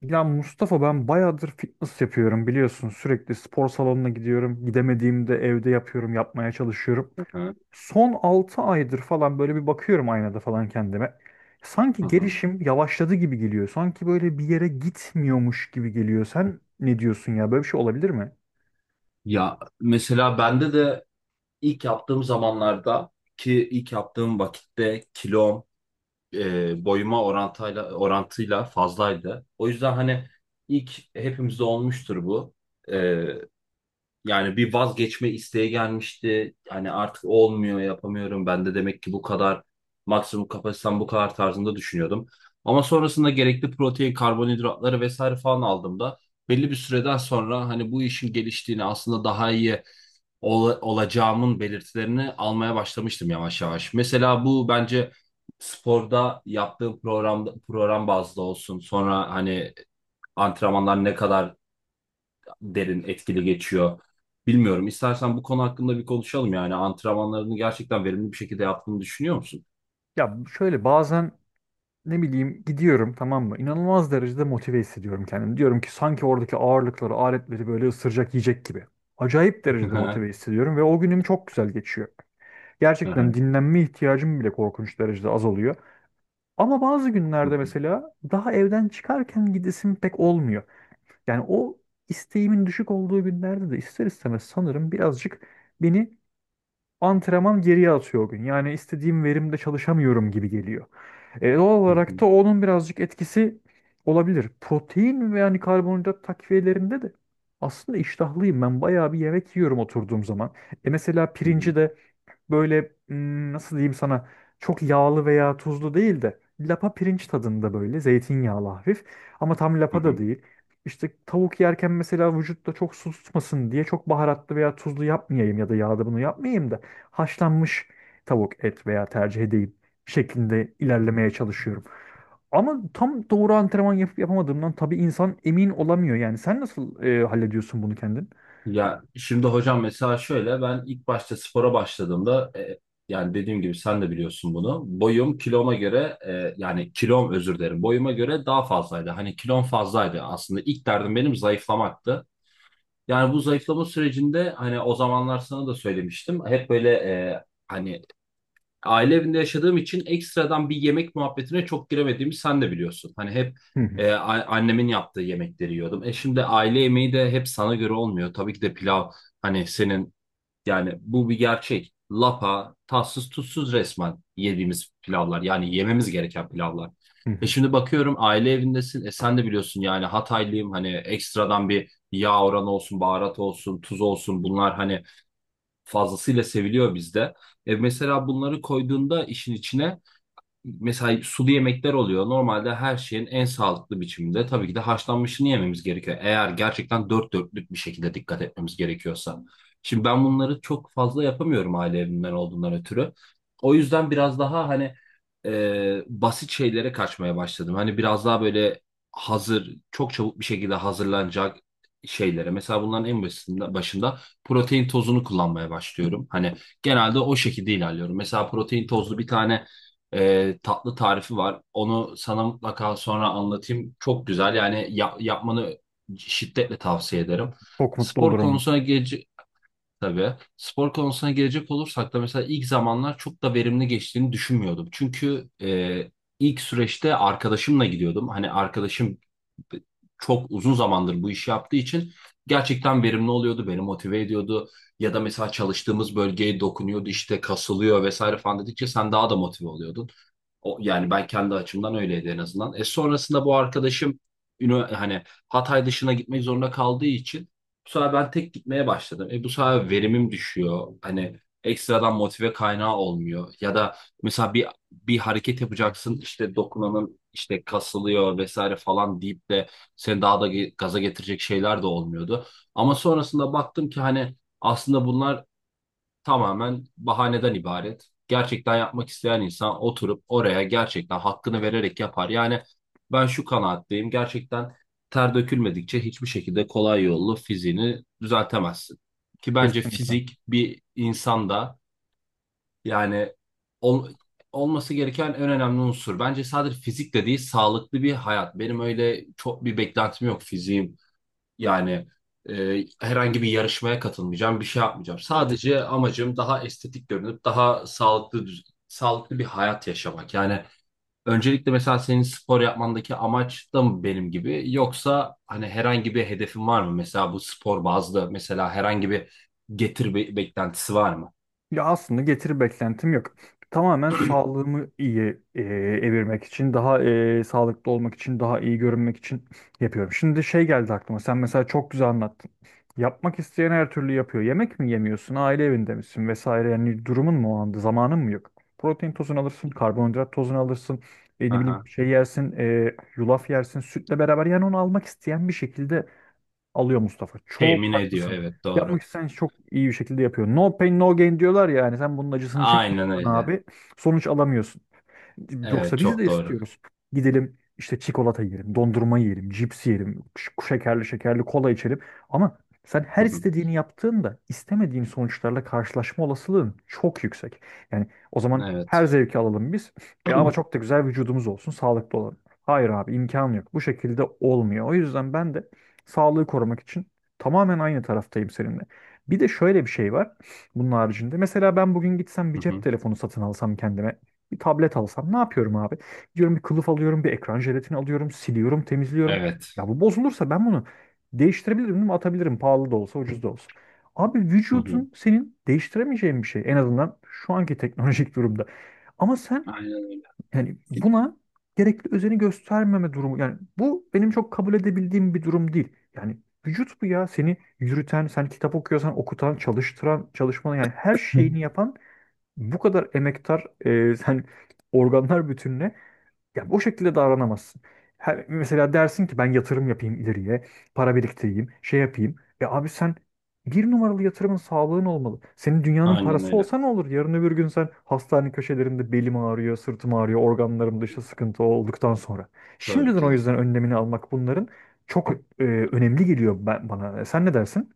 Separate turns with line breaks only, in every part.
Ya Mustafa ben bayağıdır fitness yapıyorum biliyorsun. Sürekli spor salonuna gidiyorum. Gidemediğimde evde yapıyorum, yapmaya çalışıyorum.
Evet.
Son 6 aydır falan böyle bir bakıyorum aynada falan kendime. Sanki
Hı hı.
gelişim yavaşladı gibi geliyor. Sanki böyle bir yere gitmiyormuş gibi geliyor. Sen ne diyorsun ya? Böyle bir şey olabilir mi?
Ya mesela bende de ilk yaptığım zamanlarda ki ilk yaptığım vakitte kilom boyuma orantıyla fazlaydı. O yüzden hani ilk hepimizde olmuştur bu. E, Yani bir vazgeçme isteği gelmişti. Hani artık olmuyor, yapamıyorum. Ben de demek ki bu kadar maksimum kapasitem bu kadar tarzında düşünüyordum. Ama sonrasında gerekli protein, karbonhidratları vesaire falan aldığımda belli bir süreden sonra hani bu işin geliştiğini aslında daha iyi olacağımın belirtilerini almaya başlamıştım yavaş yavaş. Mesela bu bence sporda yaptığım programda program bazlı olsun. Sonra hani antrenmanlar ne kadar derin etkili geçiyor. Bilmiyorum. İstersen bu konu hakkında bir konuşalım yani. Antrenmanlarını gerçekten verimli bir şekilde yaptığını düşünüyor musun?
Ya şöyle bazen ne bileyim gidiyorum tamam mı? İnanılmaz derecede motive hissediyorum kendimi. Diyorum ki sanki oradaki ağırlıkları, aletleri böyle ısıracak yiyecek gibi. Acayip derecede motive hissediyorum ve o günüm çok güzel geçiyor. Gerçekten dinlenme ihtiyacım bile korkunç derecede az oluyor. Ama bazı günlerde mesela daha evden çıkarken gidesim pek olmuyor. Yani o isteğimin düşük olduğu günlerde de ister istemez sanırım birazcık beni antrenman geriye atıyor o gün. Yani istediğim verimde çalışamıyorum gibi geliyor. Doğal olarak da onun birazcık etkisi olabilir. Protein ve yani karbonhidrat takviyelerinde de aslında iştahlıyım. Ben bayağı bir yemek yiyorum oturduğum zaman. E mesela pirinci de böyle nasıl diyeyim sana çok yağlı veya tuzlu değil de lapa pirinç tadında böyle zeytinyağlı hafif ama tam lapa da değil. İşte tavuk yerken mesela vücutta çok su tutmasın diye çok baharatlı veya tuzlu yapmayayım ya da yağda bunu yapmayayım da haşlanmış tavuk et veya tercih edeyim şeklinde ilerlemeye çalışıyorum. Ama tam doğru antrenman yapıp yapamadığımdan tabii insan emin olamıyor. Yani sen nasıl hallediyorsun bunu kendin?
Ya şimdi hocam mesela şöyle ben ilk başta spora başladığımda yani dediğim gibi sen de biliyorsun bunu. Boyum kiloma göre yani kilom, özür dilerim, boyuma göre daha fazlaydı. Hani kilom fazlaydı, aslında ilk derdim benim zayıflamaktı. Yani bu zayıflama sürecinde hani o zamanlar sana da söylemiştim. Hep böyle hani aile evinde yaşadığım için ekstradan bir yemek muhabbetine çok giremediğimi sen de biliyorsun. Hani hep
Hı hı,
annemin yaptığı yemekleri yiyordum. Şimdi aile yemeği de hep sana göre olmuyor. Tabii ki de pilav, hani senin, yani bu bir gerçek. Lapa, tatsız tuzsuz resmen yediğimiz pilavlar. Yani yememiz gereken pilavlar.
hı
E
hı.
şimdi bakıyorum, aile evindesin. Sen de biliyorsun yani Hataylıyım. Hani ekstradan bir yağ oranı olsun, baharat olsun, tuz olsun, bunlar hani fazlasıyla seviliyor bizde. Mesela bunları koyduğunda işin içine mesela sulu yemekler oluyor. Normalde her şeyin en sağlıklı biçiminde tabii ki de haşlanmışını yememiz gerekiyor. Eğer gerçekten dört dörtlük bir şekilde dikkat etmemiz gerekiyorsa. Şimdi ben bunları çok fazla yapamıyorum aile evimden olduğundan ötürü. O yüzden biraz daha hani basit şeylere kaçmaya başladım. Hani biraz daha böyle hazır, çok çabuk bir şekilde hazırlanacak şeylere. Mesela bunların en başında protein tozunu kullanmaya başlıyorum. Hani genelde o şekilde ilerliyorum. Mesela protein tozlu bir tane tatlı tarifi var. Onu sana mutlaka sonra anlatayım. Çok güzel, yani yapmanı şiddetle tavsiye ederim.
Çok mutlu
Spor
olurum.
konusuna geç, Tabii. Spor konusuna gelecek olursak da mesela ilk zamanlar çok da verimli geçtiğini düşünmüyordum. Çünkü ilk süreçte arkadaşımla gidiyordum. Hani arkadaşım çok uzun zamandır bu işi yaptığı için gerçekten verimli oluyordu, beni motive ediyordu. Ya da mesela çalıştığımız bölgeye dokunuyordu, işte kasılıyor vesaire falan dedikçe sen daha da motive oluyordun. O, yani ben kendi açımdan öyleydi en azından. Sonrasında bu arkadaşım hani Hatay dışına gitmek zorunda kaldığı için bu sefer ben tek gitmeye başladım. Bu sefer verimim düşüyor. Hani ekstradan motive kaynağı olmuyor. Ya da mesela bir hareket yapacaksın, işte dokunanın işte kasılıyor vesaire falan deyip de seni daha da gaza getirecek şeyler de olmuyordu. Ama sonrasında baktım ki hani aslında bunlar tamamen bahaneden ibaret. Gerçekten yapmak isteyen insan oturup oraya gerçekten hakkını vererek yapar. Yani ben şu kanaatteyim. Gerçekten ter dökülmedikçe hiçbir şekilde kolay yollu fiziğini düzeltemezsin. Ki bence
Kesinlikle.
fizik bir insanda yani ol- olması gereken en önemli unsur. Bence sadece fizik değil, sağlıklı bir hayat. Benim öyle çok bir beklentim yok fiziğim, yani herhangi bir yarışmaya katılmayacağım, bir şey yapmayacağım. Sadece amacım daha estetik görünüp daha sağlıklı, sağlıklı bir hayat yaşamak. Yani öncelikle mesela senin spor yapmandaki amaç da mı benim gibi, yoksa hani herhangi bir hedefin var mı? Mesela bu spor bazlı mesela herhangi bir beklentisi var mı?
Ya aslında getiri beklentim yok. Tamamen sağlığımı iyi evirmek için, daha sağlıklı olmak için, daha iyi görünmek için yapıyorum. Şimdi şey geldi aklıma. Sen mesela çok güzel anlattın. Yapmak isteyen her türlü yapıyor. Yemek mi yemiyorsun, aile evinde misin vesaire. Yani durumun mu o anda, zamanın mı yok? Protein tozunu alırsın, karbonhidrat tozunu alırsın. Ne bileyim
Aha.
şey yersin, yulaf yersin, sütle beraber. Yani onu almak isteyen bir şekilde alıyor Mustafa. Çok
Temin ediyor,
haklısın.
evet,
Yapmak
doğru.
isteyen iş çok iyi bir şekilde yapıyor. No pain no gain diyorlar ya yani sen bunun acısını
Aynen
çekmiyorsan
öyle.
abi sonuç alamıyorsun.
Evet,
Yoksa biz de
çok doğru.
istiyoruz. Gidelim işte çikolata yiyelim, dondurma yiyelim, cips yiyelim, şekerli şekerli kola içelim. Ama sen
Hı
her
hı.
istediğini yaptığında istemediğin sonuçlarla karşılaşma olasılığın çok yüksek. Yani o zaman her
Evet.
zevki alalım biz. Ya ama çok da güzel vücudumuz olsun, sağlıklı olalım. Hayır abi imkan yok. Bu şekilde olmuyor. O yüzden ben de sağlığı korumak için tamamen aynı taraftayım seninle. Bir de şöyle bir şey var bunun haricinde. Mesela ben bugün gitsem bir
Hı
cep
hı.
telefonu satın alsam kendime. Bir tablet alsam ne yapıyorum abi? Diyorum bir kılıf alıyorum, bir ekran jelatini alıyorum, siliyorum, temizliyorum.
Evet.
Ya bu bozulursa ben bunu değiştirebilirim değil mi? Atabilirim pahalı da olsa, ucuz da olsa. Abi
Hı hı.
vücudun senin değiştiremeyeceğin bir şey. En azından şu anki teknolojik durumda. Ama sen
Aynen öyle.
yani buna gerekli özeni göstermeme durumu. Yani bu benim çok kabul edebildiğim bir durum değil. Yani vücut bu ya. Seni yürüten, sen kitap okuyorsan okutan, çalıştıran, çalışmanı yani her
Hı.
şeyini yapan bu kadar emektar sen organlar bütününe ya o şekilde davranamazsın. Her, mesela dersin ki ben yatırım yapayım ileriye, para biriktireyim, şey yapayım. E abi sen bir numaralı yatırımın sağlığın olmalı. Senin dünyanın
Aynen
parası
öyle.
olsa ne olur? Yarın öbür gün sen hastane köşelerinde belim ağrıyor, sırtım ağrıyor, organlarımda işte sıkıntı olduktan sonra.
Tabii
Şimdiden
ki
o
de.
yüzden önlemini almak bunların çok önemli geliyor ben, bana. Sen ne dersin?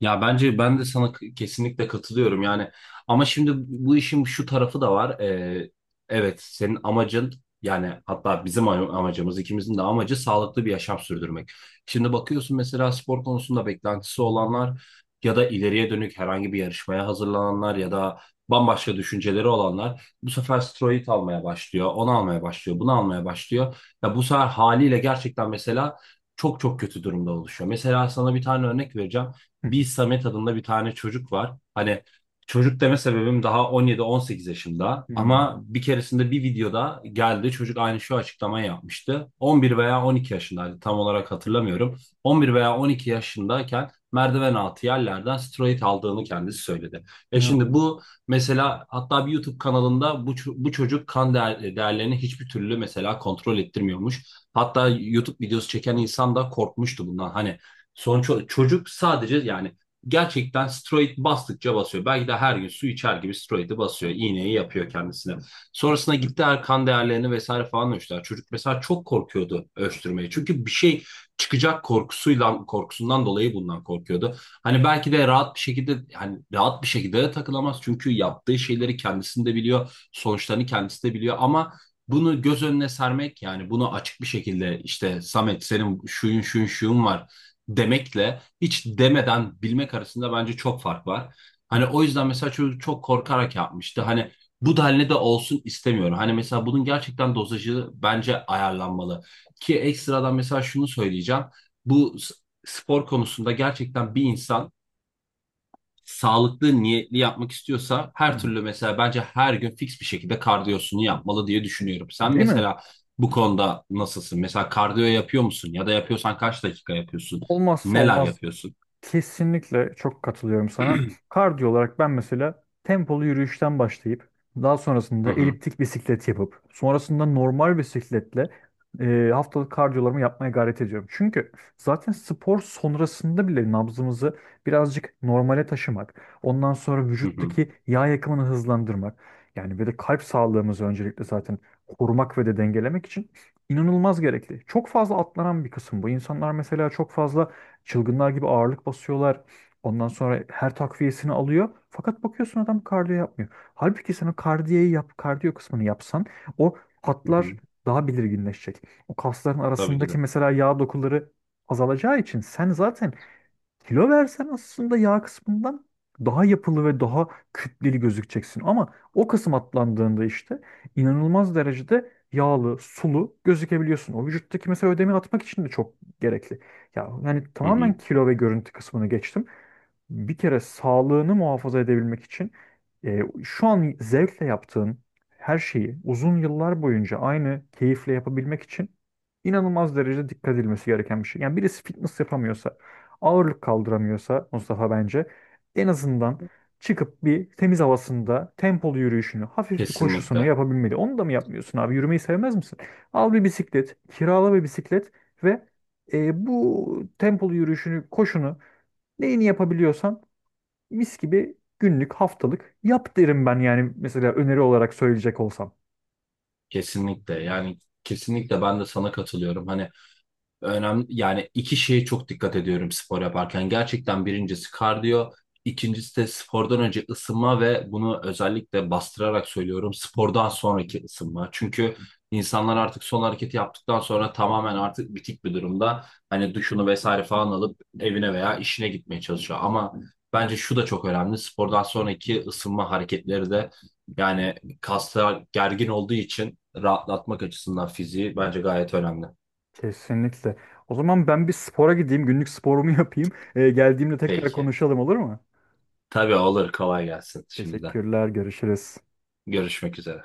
Ya bence ben de sana kesinlikle katılıyorum yani, ama şimdi bu işin şu tarafı da var. Evet, senin amacın, yani hatta bizim amacımız, ikimizin de amacı sağlıklı bir yaşam sürdürmek. Şimdi bakıyorsun, mesela spor konusunda beklentisi olanlar ya da ileriye dönük herhangi bir yarışmaya hazırlananlar ya da bambaşka düşünceleri olanlar bu sefer steroid almaya başlıyor, onu almaya başlıyor, bunu almaya başlıyor. Ya bu sefer haliyle gerçekten mesela çok çok kötü durumda oluşuyor. Mesela sana bir tane örnek vereceğim,
Hı
bir
hı.
Samet adında bir tane çocuk var. Hani çocuk deme sebebim, daha 17-18 yaşında
Hmm.
ama bir keresinde bir videoda geldi, çocuk aynı şu açıklamayı yapmıştı. 11 veya 12 yaşındaydı, tam olarak hatırlamıyorum. 11 veya 12 yaşındayken merdiven altı yerlerden steroid aldığını kendisi söyledi. Şimdi
İnanamadım.
bu, mesela hatta bir YouTube kanalında bu çocuk, kan değerlerini hiçbir türlü mesela kontrol ettirmiyormuş. Hatta YouTube videosu çeken insan da korkmuştu bundan. Hani sonuç çocuk sadece, yani gerçekten steroid bastıkça basıyor. Belki de her gün su içer gibi steroidi basıyor. İğneyi yapıyor kendisine. Sonrasında gittiler, kan değerlerini vesaire falan ölçtüler. Çocuk mesela çok korkuyordu ölçtürmeye. Çünkü bir şey çıkacak korkusuyla, korkusundan dolayı bundan korkuyordu. Hani belki de rahat bir şekilde, hani rahat bir şekilde de takılamaz. Çünkü yaptığı şeyleri kendisinde biliyor, sonuçlarını kendisi de biliyor, ama bunu göz önüne sermek, yani bunu açık bir şekilde işte Samet senin şuyun şuyun şuyun var demekle hiç demeden bilmek arasında bence çok fark var.
Hı
Hani o yüzden mesela çocuk çok korkarak yapmıştı. Hani bu denli de olsun istemiyorum. Hani mesela bunun gerçekten dozajı bence ayarlanmalı. Ki ekstradan mesela şunu söyleyeceğim. Bu s- Spor konusunda gerçekten bir insan sağlıklı niyetli yapmak istiyorsa her
hı.
türlü mesela bence her gün fix bir şekilde kardiyosunu yapmalı diye düşünüyorum. Sen
Değil mi?
mesela bu konuda nasılsın? Mesela kardiyo yapıyor musun? Ya da yapıyorsan kaç dakika yapıyorsun?
Olmazsa
Neler
olmaz.
yapıyorsun?
Kesinlikle çok katılıyorum sana. Kardiyo olarak ben mesela tempolu yürüyüşten başlayıp daha
Hı
sonrasında
hı,
eliptik bisiklet yapıp sonrasında normal bisikletle haftalık kardiyolarımı yapmaya gayret ediyorum. Çünkü zaten spor sonrasında bile nabzımızı birazcık normale taşımak, ondan sonra
hı hı,
vücuttaki yağ yakımını hızlandırmak yani ve de kalp sağlığımızı öncelikle zaten korumak ve de dengelemek için inanılmaz gerekli. Çok fazla atlanan bir kısım bu. İnsanlar mesela çok fazla çılgınlar gibi ağırlık basıyorlar. Ondan sonra her takviyesini alıyor. Fakat bakıyorsun adam kardiyo yapmıyor. Halbuki sen o kardiyeyi yap, kardiyo kısmını yapsan o
hı
hatlar
hı.
daha belirginleşecek. O kasların
Tabii ki de.
arasındaki mesela yağ dokuları azalacağı için sen zaten kilo versen aslında yağ kısmından daha yapılı ve daha kütleli gözükeceksin. Ama o kısım atlandığında işte inanılmaz derecede yağlı, sulu gözükebiliyorsun. O vücuttaki mesela ödemi atmak için de çok gerekli. Ya yani
Hı hı.
tamamen kilo ve görüntü kısmını geçtim. Bir kere sağlığını muhafaza edebilmek için şu an zevkle yaptığın her şeyi uzun yıllar boyunca aynı keyifle yapabilmek için inanılmaz derecede dikkat edilmesi gereken bir şey. Yani birisi fitness yapamıyorsa ağırlık kaldıramıyorsa Mustafa bence en azından çıkıp bir temiz havasında tempolu yürüyüşünü, hafif bir koşusunu
Kesinlikle.
yapabilmeli. Onu da mı yapmıyorsun abi? Yürümeyi sevmez misin? Al bir bisiklet, kirala bir bisiklet ve bu tempolu yürüyüşünü, koşunu neyini yapabiliyorsan mis gibi günlük, haftalık yap derim ben yani mesela öneri olarak söyleyecek olsam.
Kesinlikle. Yani kesinlikle ben de sana katılıyorum. Hani önemli, yani iki şeye çok dikkat ediyorum spor yaparken. Gerçekten birincisi kardiyo, ikincisi de spordan önce ısınma ve bunu özellikle bastırarak söylüyorum, spordan sonraki ısınma. Çünkü insanlar artık son hareketi yaptıktan sonra tamamen artık bitik bir durumda. Hani duşunu vesaire falan alıp evine veya işine gitmeye çalışıyor. Ama bence şu da çok önemli. Spordan sonraki ısınma hareketleri de yani kaslar gergin olduğu için rahatlatmak açısından fiziği bence gayet önemli.
Kesinlikle. O zaman ben bir spora gideyim, günlük sporumu yapayım. Geldiğimde tekrar
Peki.
konuşalım olur mu?
Tabii olur. Kolay gelsin şimdiden.
Teşekkürler, görüşürüz.
Görüşmek üzere.